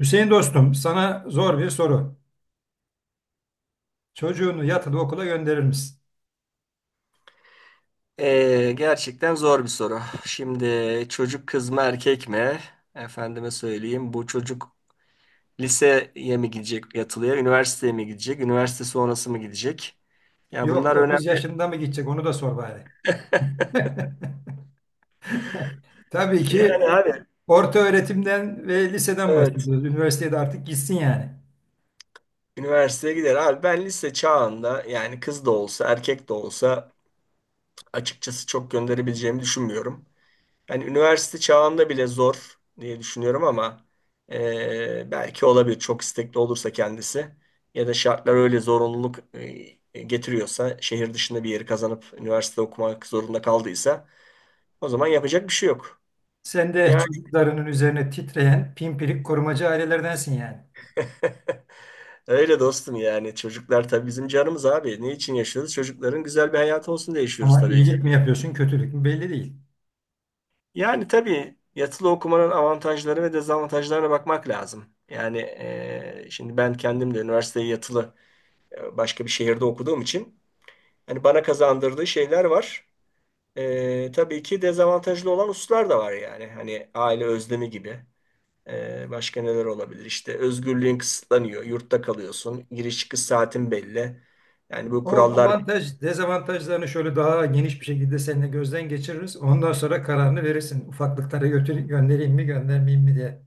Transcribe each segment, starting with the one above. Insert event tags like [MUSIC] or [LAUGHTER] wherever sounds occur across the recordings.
Hüseyin dostum, sana zor bir soru. Çocuğunu yatılı okula gönderir misin? Gerçekten zor bir soru. Şimdi çocuk kız mı erkek mi? Efendime söyleyeyim. Bu çocuk liseye mi gidecek yatılıya, üniversiteye mi gidecek, üniversite sonrası mı gidecek? Ya Yok, bunlar 30 önemli. yaşında mı gidecek onu da sor bari. [LAUGHS] [LAUGHS] Tabii Yani ki abi orta öğretimden ve liseden evet, bahsediyoruz. Üniversitede artık gitsin yani. üniversiteye gider. Abi ben lise çağında yani kız da olsa erkek de olsa açıkçası çok gönderebileceğimi düşünmüyorum. Yani üniversite çağında bile zor diye düşünüyorum ama belki olabilir çok istekli olursa kendisi, ya da şartlar öyle zorunluluk getiriyorsa şehir dışında bir yeri kazanıp üniversite okumak zorunda kaldıysa o zaman yapacak bir şey yok. Sen de Yani çocuklarının üzerine titreyen pimpirik korumacı ailelerdensin yani. [LAUGHS] öyle dostum, yani çocuklar tabii bizim canımız abi. Ne için yaşıyoruz? Çocukların güzel bir hayatı olsun diye yaşıyoruz Ama tabii ki. iyilik mi yapıyorsun, kötülük mü belli değil. Yani tabii yatılı okumanın avantajları ve dezavantajlarına bakmak lazım. Şimdi ben kendim de üniversiteyi yatılı başka bir şehirde okuduğum için hani bana kazandırdığı şeyler var. Tabii ki dezavantajlı olan hususlar da var yani. Hani aile özlemi gibi. Başka neler olabilir? İşte özgürlüğün kısıtlanıyor. Yurtta kalıyorsun. Giriş çıkış saatin belli. Yani bu O kurallar belli. avantaj, dezavantajlarını şöyle daha geniş bir şekilde seninle gözden geçiririz. Ondan sonra kararını verirsin. Ufaklıklara götür, göndereyim mi, göndermeyeyim mi diye.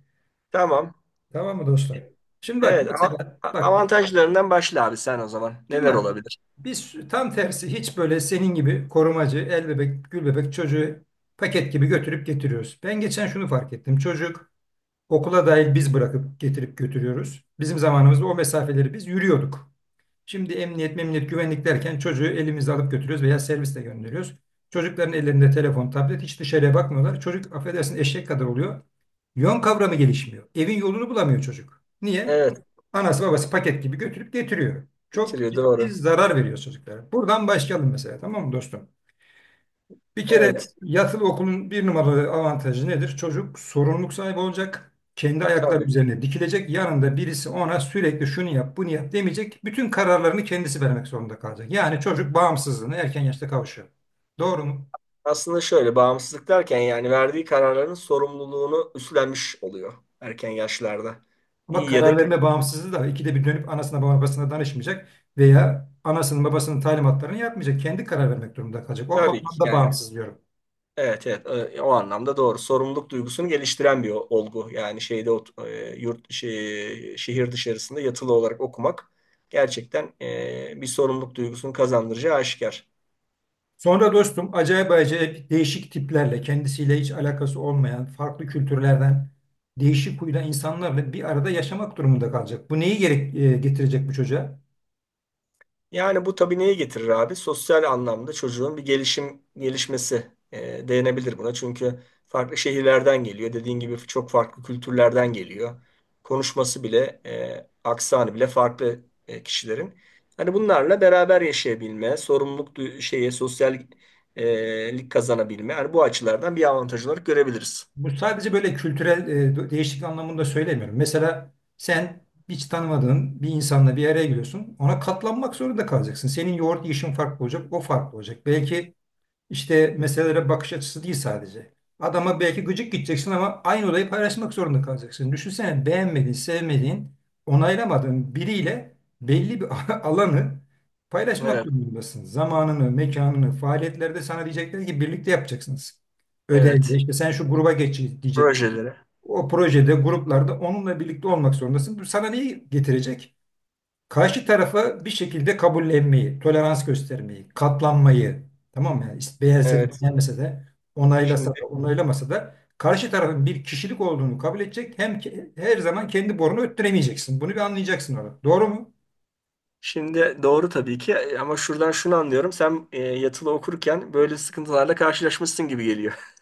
Tamam. Tamam mı dostum? Şimdi bak Evet, mesela bak biz avantajlarından başla abi sen o zaman. Şimdi Neler bak, olabilir? biz tam tersi, hiç böyle senin gibi korumacı el bebek gül bebek çocuğu paket gibi götürüp getiriyoruz. Ben geçen şunu fark ettim. Çocuk okula dahil biz bırakıp getirip götürüyoruz. Bizim zamanımızda o mesafeleri biz yürüyorduk. Şimdi emniyet, memniyet, güvenlik derken çocuğu elimizde alıp götürüyoruz veya servisle gönderiyoruz. Çocukların ellerinde telefon, tablet, hiç dışarıya bakmıyorlar. Çocuk affedersin eşek kadar oluyor. Yön kavramı gelişmiyor. Evin yolunu bulamıyor çocuk. Niye? Evet. Anası babası paket gibi götürüp getiriyor. Çok Bitiriyor, ciddi doğru. zarar veriyor çocuklara. Buradan başlayalım mesela, tamam mı dostum? Bir kere Evet, yatılı okulun bir numaralı avantajı nedir? Çocuk sorumluluk sahibi olacak. Kendi ayakları tabii. üzerine dikilecek. Yanında birisi ona sürekli şunu yap, bunu yap demeyecek. Bütün kararlarını kendisi vermek zorunda kalacak. Yani çocuk bağımsızlığına erken yaşta kavuşuyor. Doğru mu? Aslında şöyle, bağımsızlık derken yani verdiği kararların sorumluluğunu üstlenmiş oluyor erken yaşlarda. Ama İyi ya da karar verme kötü. bağımsızlığı da, ikide bir dönüp anasına babasına danışmayacak veya anasının babasının talimatlarını yapmayacak. Kendi karar vermek durumunda kalacak. O Tabii ki bağlamda yani. bağımsız diyorum. Evet, o anlamda doğru. Sorumluluk duygusunu geliştiren bir olgu. Yani yurt şey, şehir dışarısında yatılı olarak okumak gerçekten bir sorumluluk duygusunu kazandıracağı aşikar. Sonra dostum, acayip acayip değişik tiplerle, kendisiyle hiç alakası olmayan farklı kültürlerden değişik huyda insanlarla bir arada yaşamak durumunda kalacak. Bu neyi getirecek bu çocuğa? Yani bu tabii neyi getirir abi? Sosyal anlamda çocuğun bir gelişmesi denebilir buna. Çünkü farklı şehirlerden geliyor. Dediğin gibi çok farklı kültürlerden geliyor. Konuşması bile, aksanı bile farklı kişilerin. Hani bunlarla beraber yaşayabilme, sosyal lik kazanabilme. Hani bu açılardan bir avantaj olarak görebiliriz. Bu sadece böyle kültürel değişiklik anlamında söylemiyorum. Mesela sen hiç tanımadığın bir insanla bir araya giriyorsun. Ona katlanmak zorunda kalacaksın. Senin yoğurt yiyişin farklı olacak, o farklı olacak. Belki İşte meselelere bakış açısı değil sadece. Adama belki gıcık gideceksin ama aynı olayı paylaşmak zorunda kalacaksın. Düşünsene, beğenmediğin, sevmediğin, onaylamadığın biriyle belli bir [LAUGHS] alanı paylaşmak Evet, durumundasın. Zamanını, mekanını, faaliyetlerde sana diyecekler ki birlikte yapacaksınız. Ödevde evet. işte sen şu gruba geç diyecek. Projeleri. O projede, gruplarda onunla birlikte olmak zorundasın. Bu sana neyi getirecek? Karşı tarafa bir şekilde kabullenmeyi, tolerans göstermeyi, katlanmayı, tamam mı? Yani işte beğense de Evet. beğenmese de, onaylasa Şimdi da onaylamasa da karşı tarafın bir kişilik olduğunu kabul edecek. Hem ki, her zaman kendi borunu öttüremeyeceksin. Bunu bir anlayacaksın orada. Doğru mu? Şimdi doğru tabii ki, ama şuradan şunu anlıyorum. Sen yatılı okurken böyle sıkıntılarla karşılaşmışsın gibi geliyor. [LAUGHS]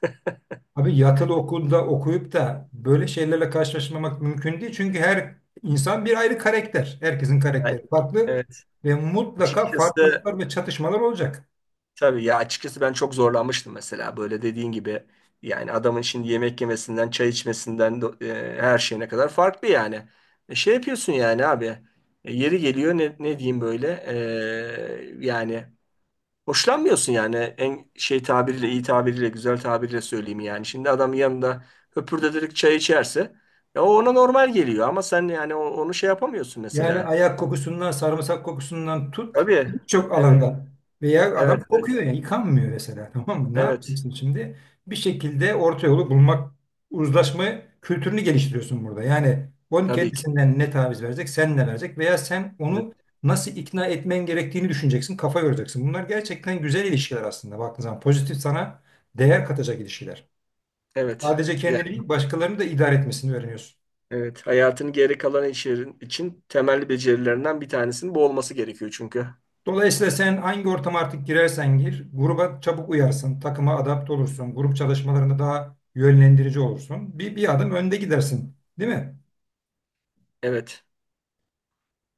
Abi, yatılı okulda okuyup da böyle şeylerle karşılaşmamak mümkün değil. Çünkü her insan bir ayrı karakter. Herkesin Yani, karakteri farklı evet. ve mutlaka Açıkçası, farklılıklar ve çatışmalar olacak. tabii ya, açıkçası ben çok zorlanmıştım mesela, böyle dediğin gibi. Yani adamın şimdi yemek yemesinden, çay içmesinden her şeyine kadar farklı yani. Şey yapıyorsun yani abi. Yeri geliyor, ne, ne diyeyim böyle. e, yani Hoşlanmıyorsun yani, en şey tabiriyle, iyi tabiriyle, güzel tabiriyle söyleyeyim yani. Şimdi adam yanında höpürdeterek çay içerse ya, o ona normal geliyor ama sen yani onu şey yapamıyorsun Yani mesela. ayak kokusundan, sarımsak kokusundan tut, Tabii. birçok Evet. alanda. Veya adam Evet. Evet. kokuyor yani, yıkanmıyor mesela [LAUGHS] tamam mı? Ne Evet. yapacaksın şimdi? Bir şekilde orta yolu bulmak, uzlaşma kültürünü geliştiriyorsun burada. Yani onun Tabii ki. kendisinden ne taviz verecek, sen ne verecek veya sen Evet. onu nasıl ikna etmen gerektiğini düşüneceksin, kafa yoracaksın. Bunlar gerçekten güzel ilişkiler aslında baktığın zaman. Pozitif, sana değer katacak ilişkiler. Evet. Sadece Yani, kendini değil, başkalarını da idare etmesini öğreniyorsun. evet. Hayatın geri kalan işlerin için temel becerilerinden bir tanesinin bu olması gerekiyor çünkü. Dolayısıyla sen hangi ortama artık girersen gir, gruba çabuk uyarsın, takıma adapte olursun, grup çalışmalarında daha yönlendirici olursun. Bir adım önde gidersin, değil mi? Evet.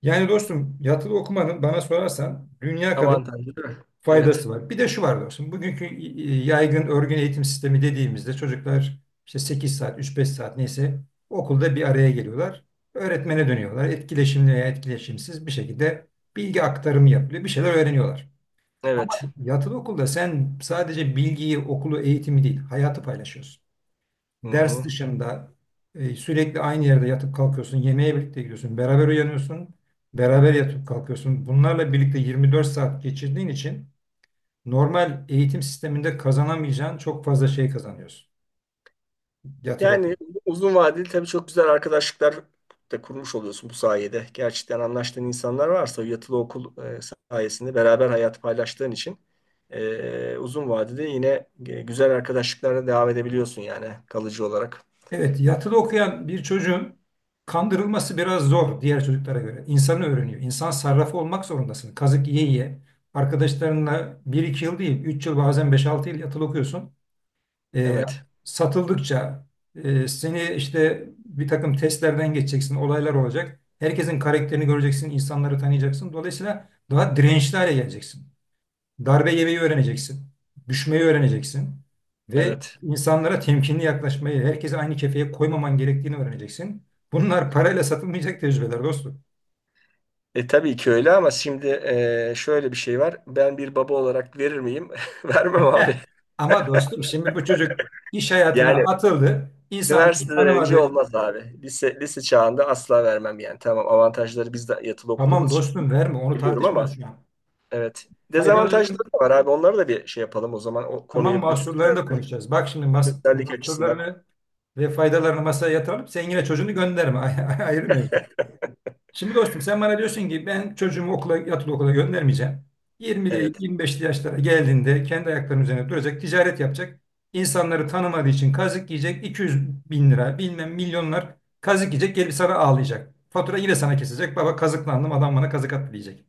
Yani dostum, yatılı okumanın bana sorarsan dünya kadar Avantajlı değil mi? Evet. faydası var. Bir de şu var dostum, bugünkü yaygın örgün eğitim sistemi dediğimizde çocuklar işte 8 saat, üç beş saat neyse okulda bir araya geliyorlar. Öğretmene dönüyorlar. Etkileşimli veya etkileşimsiz bir şekilde bilgi aktarımı yapılıyor. Bir şeyler öğreniyorlar. Ama Evet. yatılı okulda sen sadece bilgiyi, okulu, eğitimi değil, hayatı paylaşıyorsun. Hı Ders hı. dışında sürekli aynı yerde yatıp kalkıyorsun, yemeğe birlikte gidiyorsun, beraber uyanıyorsun, beraber yatıp kalkıyorsun. Bunlarla birlikte 24 saat geçirdiğin için normal eğitim sisteminde kazanamayacağın çok fazla şey kazanıyorsun yatılı Yani okulda. uzun vadeli tabii çok güzel arkadaşlıklar da kurmuş oluyorsun bu sayede. Gerçekten anlaştığın insanlar varsa yatılı okul sayesinde beraber hayat paylaştığın için uzun vadede yine güzel arkadaşlıklara devam edebiliyorsun yani kalıcı olarak. Evet, yatılı okuyan bir çocuğun kandırılması biraz zor, diğer çocuklara göre. İnsanı öğreniyor. İnsan sarrafı olmak zorundasın. Kazık yiye yiye. Arkadaşlarınla bir iki yıl değil, 3 yıl, bazen beş altı yıl yatılı okuyorsun. Ee, Evet, Satıldıkça seni işte bir takım testlerden geçeceksin, olaylar olacak. Herkesin karakterini göreceksin, insanları tanıyacaksın. Dolayısıyla daha dirençli hale geleceksin. Darbe yemeyi öğreneceksin. Düşmeyi öğreneceksin. Ve evet. insanlara temkinli yaklaşmayı, herkese aynı kefeye koymaman gerektiğini öğreneceksin. Bunlar parayla satılmayacak tecrübeler dostum. E tabii ki öyle ama şimdi, şöyle bir şey var. Ben bir baba olarak verir miyim? [LAUGHS] Vermem abi. Heh. Ama dostum, şimdi bu çocuk iş hayatına Yani atıldı. İnsanları üniversiteden önce tanımadı. olmaz abi. Lise çağında asla vermem yani. Tamam, avantajları biz de yatılı Tamam okuduğumuz için dostum, verme, onu biliyorum tartışmıyoruz ama şu an. evet. Faydalarını, Dezavantajları da var abi. Onları da bir şey yapalım o zaman. O tamam, konuyu bütün mahsurlarını da konuşacağız. Bak şimdi, bütünsellik açısından. mahsurlarını ve faydalarını masaya yatıralım. Sen yine çocuğunu gönderme. [LAUGHS] Ayırmıyoruz. Şimdi dostum, sen bana diyorsun ki ben çocuğumu okula, yatılı okula göndermeyeceğim. 20'li Evet. 25'li yaşlara geldiğinde kendi ayaklarının üzerine duracak, ticaret yapacak. İnsanları tanımadığı için kazık yiyecek, 200 bin lira, bilmem milyonlar kazık yiyecek, gelip sana ağlayacak. Fatura yine sana kesecek, baba kazıklandım, adam bana kazık attı diyecek.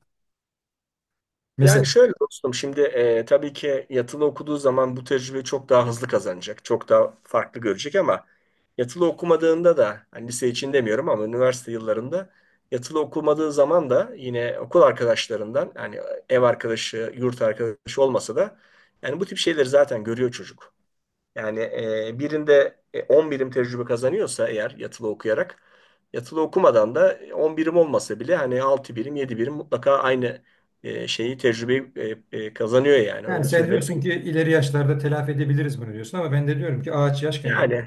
Mesela Yani şöyle dostum, şimdi tabii ki yatılı okuduğu zaman bu tecrübeyi çok daha hızlı kazanacak. Çok daha farklı görecek ama yatılı okumadığında da, hani lise için demiyorum ama üniversite yıllarında yatılı okumadığı zaman da yine okul arkadaşlarından, hani ev arkadaşı, yurt arkadaşı olmasa da yani bu tip şeyleri zaten görüyor çocuk. Yani birinde 10 birim tecrübe kazanıyorsa eğer yatılı okuyarak, yatılı okumadan da 10 birim olmasa bile hani 6 birim, 7 birim mutlaka aynı e, şeyi tecrübeyi kazanıyor yani, yani öyle sen diyorsun söylenebilir. ki ileri yaşlarda telafi edebiliriz bunu diyorsun, ama ben de diyorum ki ağaç yaşken eğilir. Yani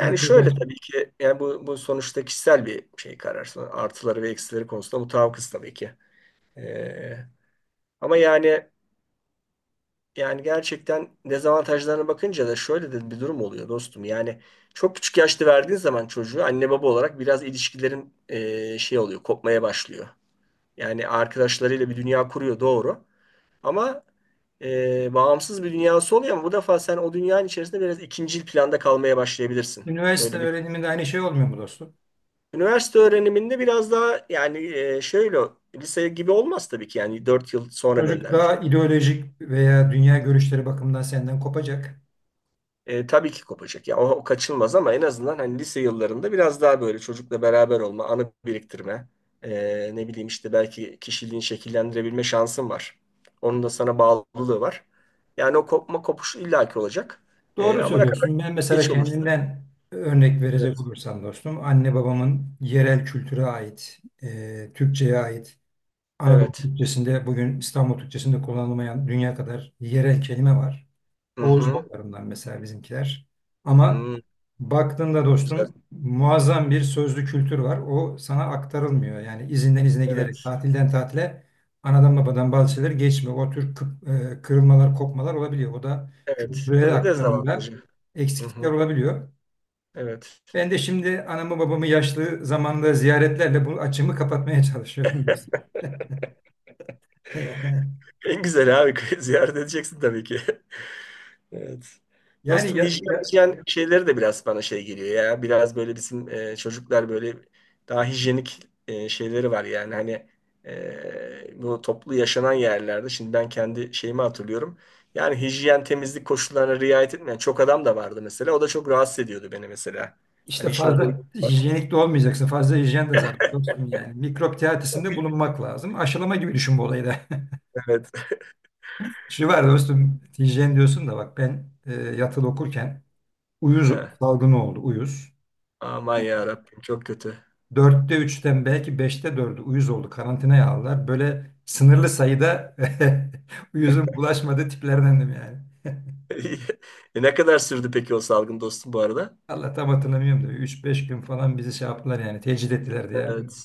Ne kadar şöyle, tabii ki yani bu sonuçta kişisel bir şey, karar. Artıları ve eksileri konusunda mutabıkız tabii ki. E, ama yani Yani gerçekten dezavantajlarına bakınca da şöyle de bir durum oluyor dostum. Yani çok küçük yaşta verdiğin zaman çocuğu, anne baba olarak biraz ilişkilerin şey oluyor, kopmaya başlıyor. Yani arkadaşlarıyla bir dünya kuruyor, doğru. Ama bağımsız bir dünyası oluyor ama bu defa sen o dünyanın içerisinde biraz ikincil planda kalmaya başlayabilirsin. üniversite Böyle bir öğreniminde aynı şey olmuyor mu dostum? Üniversite öğreniminde biraz daha yani, şöyle lise gibi olmaz tabii ki yani, 4 yıl sonra Çocuk göndermiş. daha ideolojik veya dünya görüşleri bakımından senden kopacak. Tabii ki kopacak. Ya o kaçılmaz ama en azından hani lise yıllarında biraz daha böyle çocukla beraber olma, anı biriktirme, ne bileyim işte, belki kişiliğini şekillendirebilme şansın var. Onun da sana bağlılığı var. Yani o kopuş illaki olacak. Doğru Ama ne kadar söylüyorsun. Ben geç. mesela Evet. Olursa. kendimden örnek verecek Evet. olursam dostum, anne babamın yerel kültüre ait, Türkçe'ye ait, Anadolu Evet. Türkçesinde, bugün İstanbul Türkçesinde kullanılmayan dünya kadar yerel kelime var. Hı Oğuz hı. boylarından mesela bizimkiler. Ama Hı, baktığında güzel. dostum, muazzam bir sözlü kültür var. O sana aktarılmıyor. Yani izinden izine giderek, Evet. tatilden tatile anadan babadan bazı şeyler geçmiyor. O tür kırılmalar, kopmalar olabiliyor. O da Evet. Bu kültürel da aktarımda dezavantajı. Hı eksiklikler hı. olabiliyor. Evet. Ben de şimdi anamı babamı yaşlı zamanda ziyaretlerle bu açımı kapatmaya çalışıyorum dostum. [LAUGHS] En güzel abi, [LAUGHS] ziyaret edeceksin tabii ki. Evet. Yani Dostum ya, hijyen, ya hijyen şeyleri de biraz bana şey geliyor ya. Biraz böyle bizim çocuklar böyle daha hijyenik şeyleri var yani. Hani bu toplu yaşanan yerlerde şimdi ben kendi şeyimi hatırlıyorum. Yani hijyen temizlik koşullarına riayet etmeyen çok adam da vardı mesela. O da çok rahatsız ediyordu beni mesela. işte Hani işin o boyutu fazla var. hijyenik de olmayacaksın. Fazla hijyen de zaten, dostum yani. Mikrop teatisinde [LAUGHS] bulunmak lazım. Aşılama gibi düşün bu olayı da. Evet. [LAUGHS] Şu var dostum, hijyen diyorsun da bak, ben yatılı okurken uyuz [LAUGHS] salgını oldu, uyuz. Aman ya Rabbim, çok kötü. Dörtte üçten belki beşte dördü uyuz oldu. Karantinaya aldılar. Böyle sınırlı sayıda [LAUGHS] uyuzun bulaşmadığı tiplerdendim yani. [LAUGHS] Ne kadar sürdü peki o salgın dostum bu arada? Allah, tam hatırlamıyorum da üç beş gün falan bizi şey yaptılar yani, tecrit ettiler diye. Evet.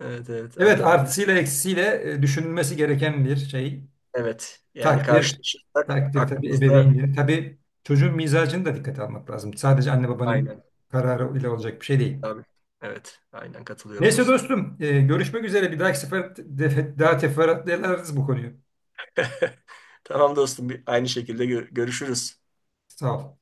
Evet, evet, Evet, anladım. artısıyla eksisiyle düşünülmesi gereken bir şey. Evet. Yani Takdir. karşılaşırsak Takdir tabii aklımızda. ebeveynlerin. Tabii çocuğun mizacını da dikkate almak lazım. Sadece anne babanın Aynen. kararı ile olacak bir şey değil. Tabii. Evet. Aynen katılıyorum Neyse dostum. dostum, görüşmek üzere. Bir dahaki sefer daha teferruatlı ederiz bu konuyu. [LAUGHS] Tamam dostum. Aynı şekilde görüşürüz. Sağ ol.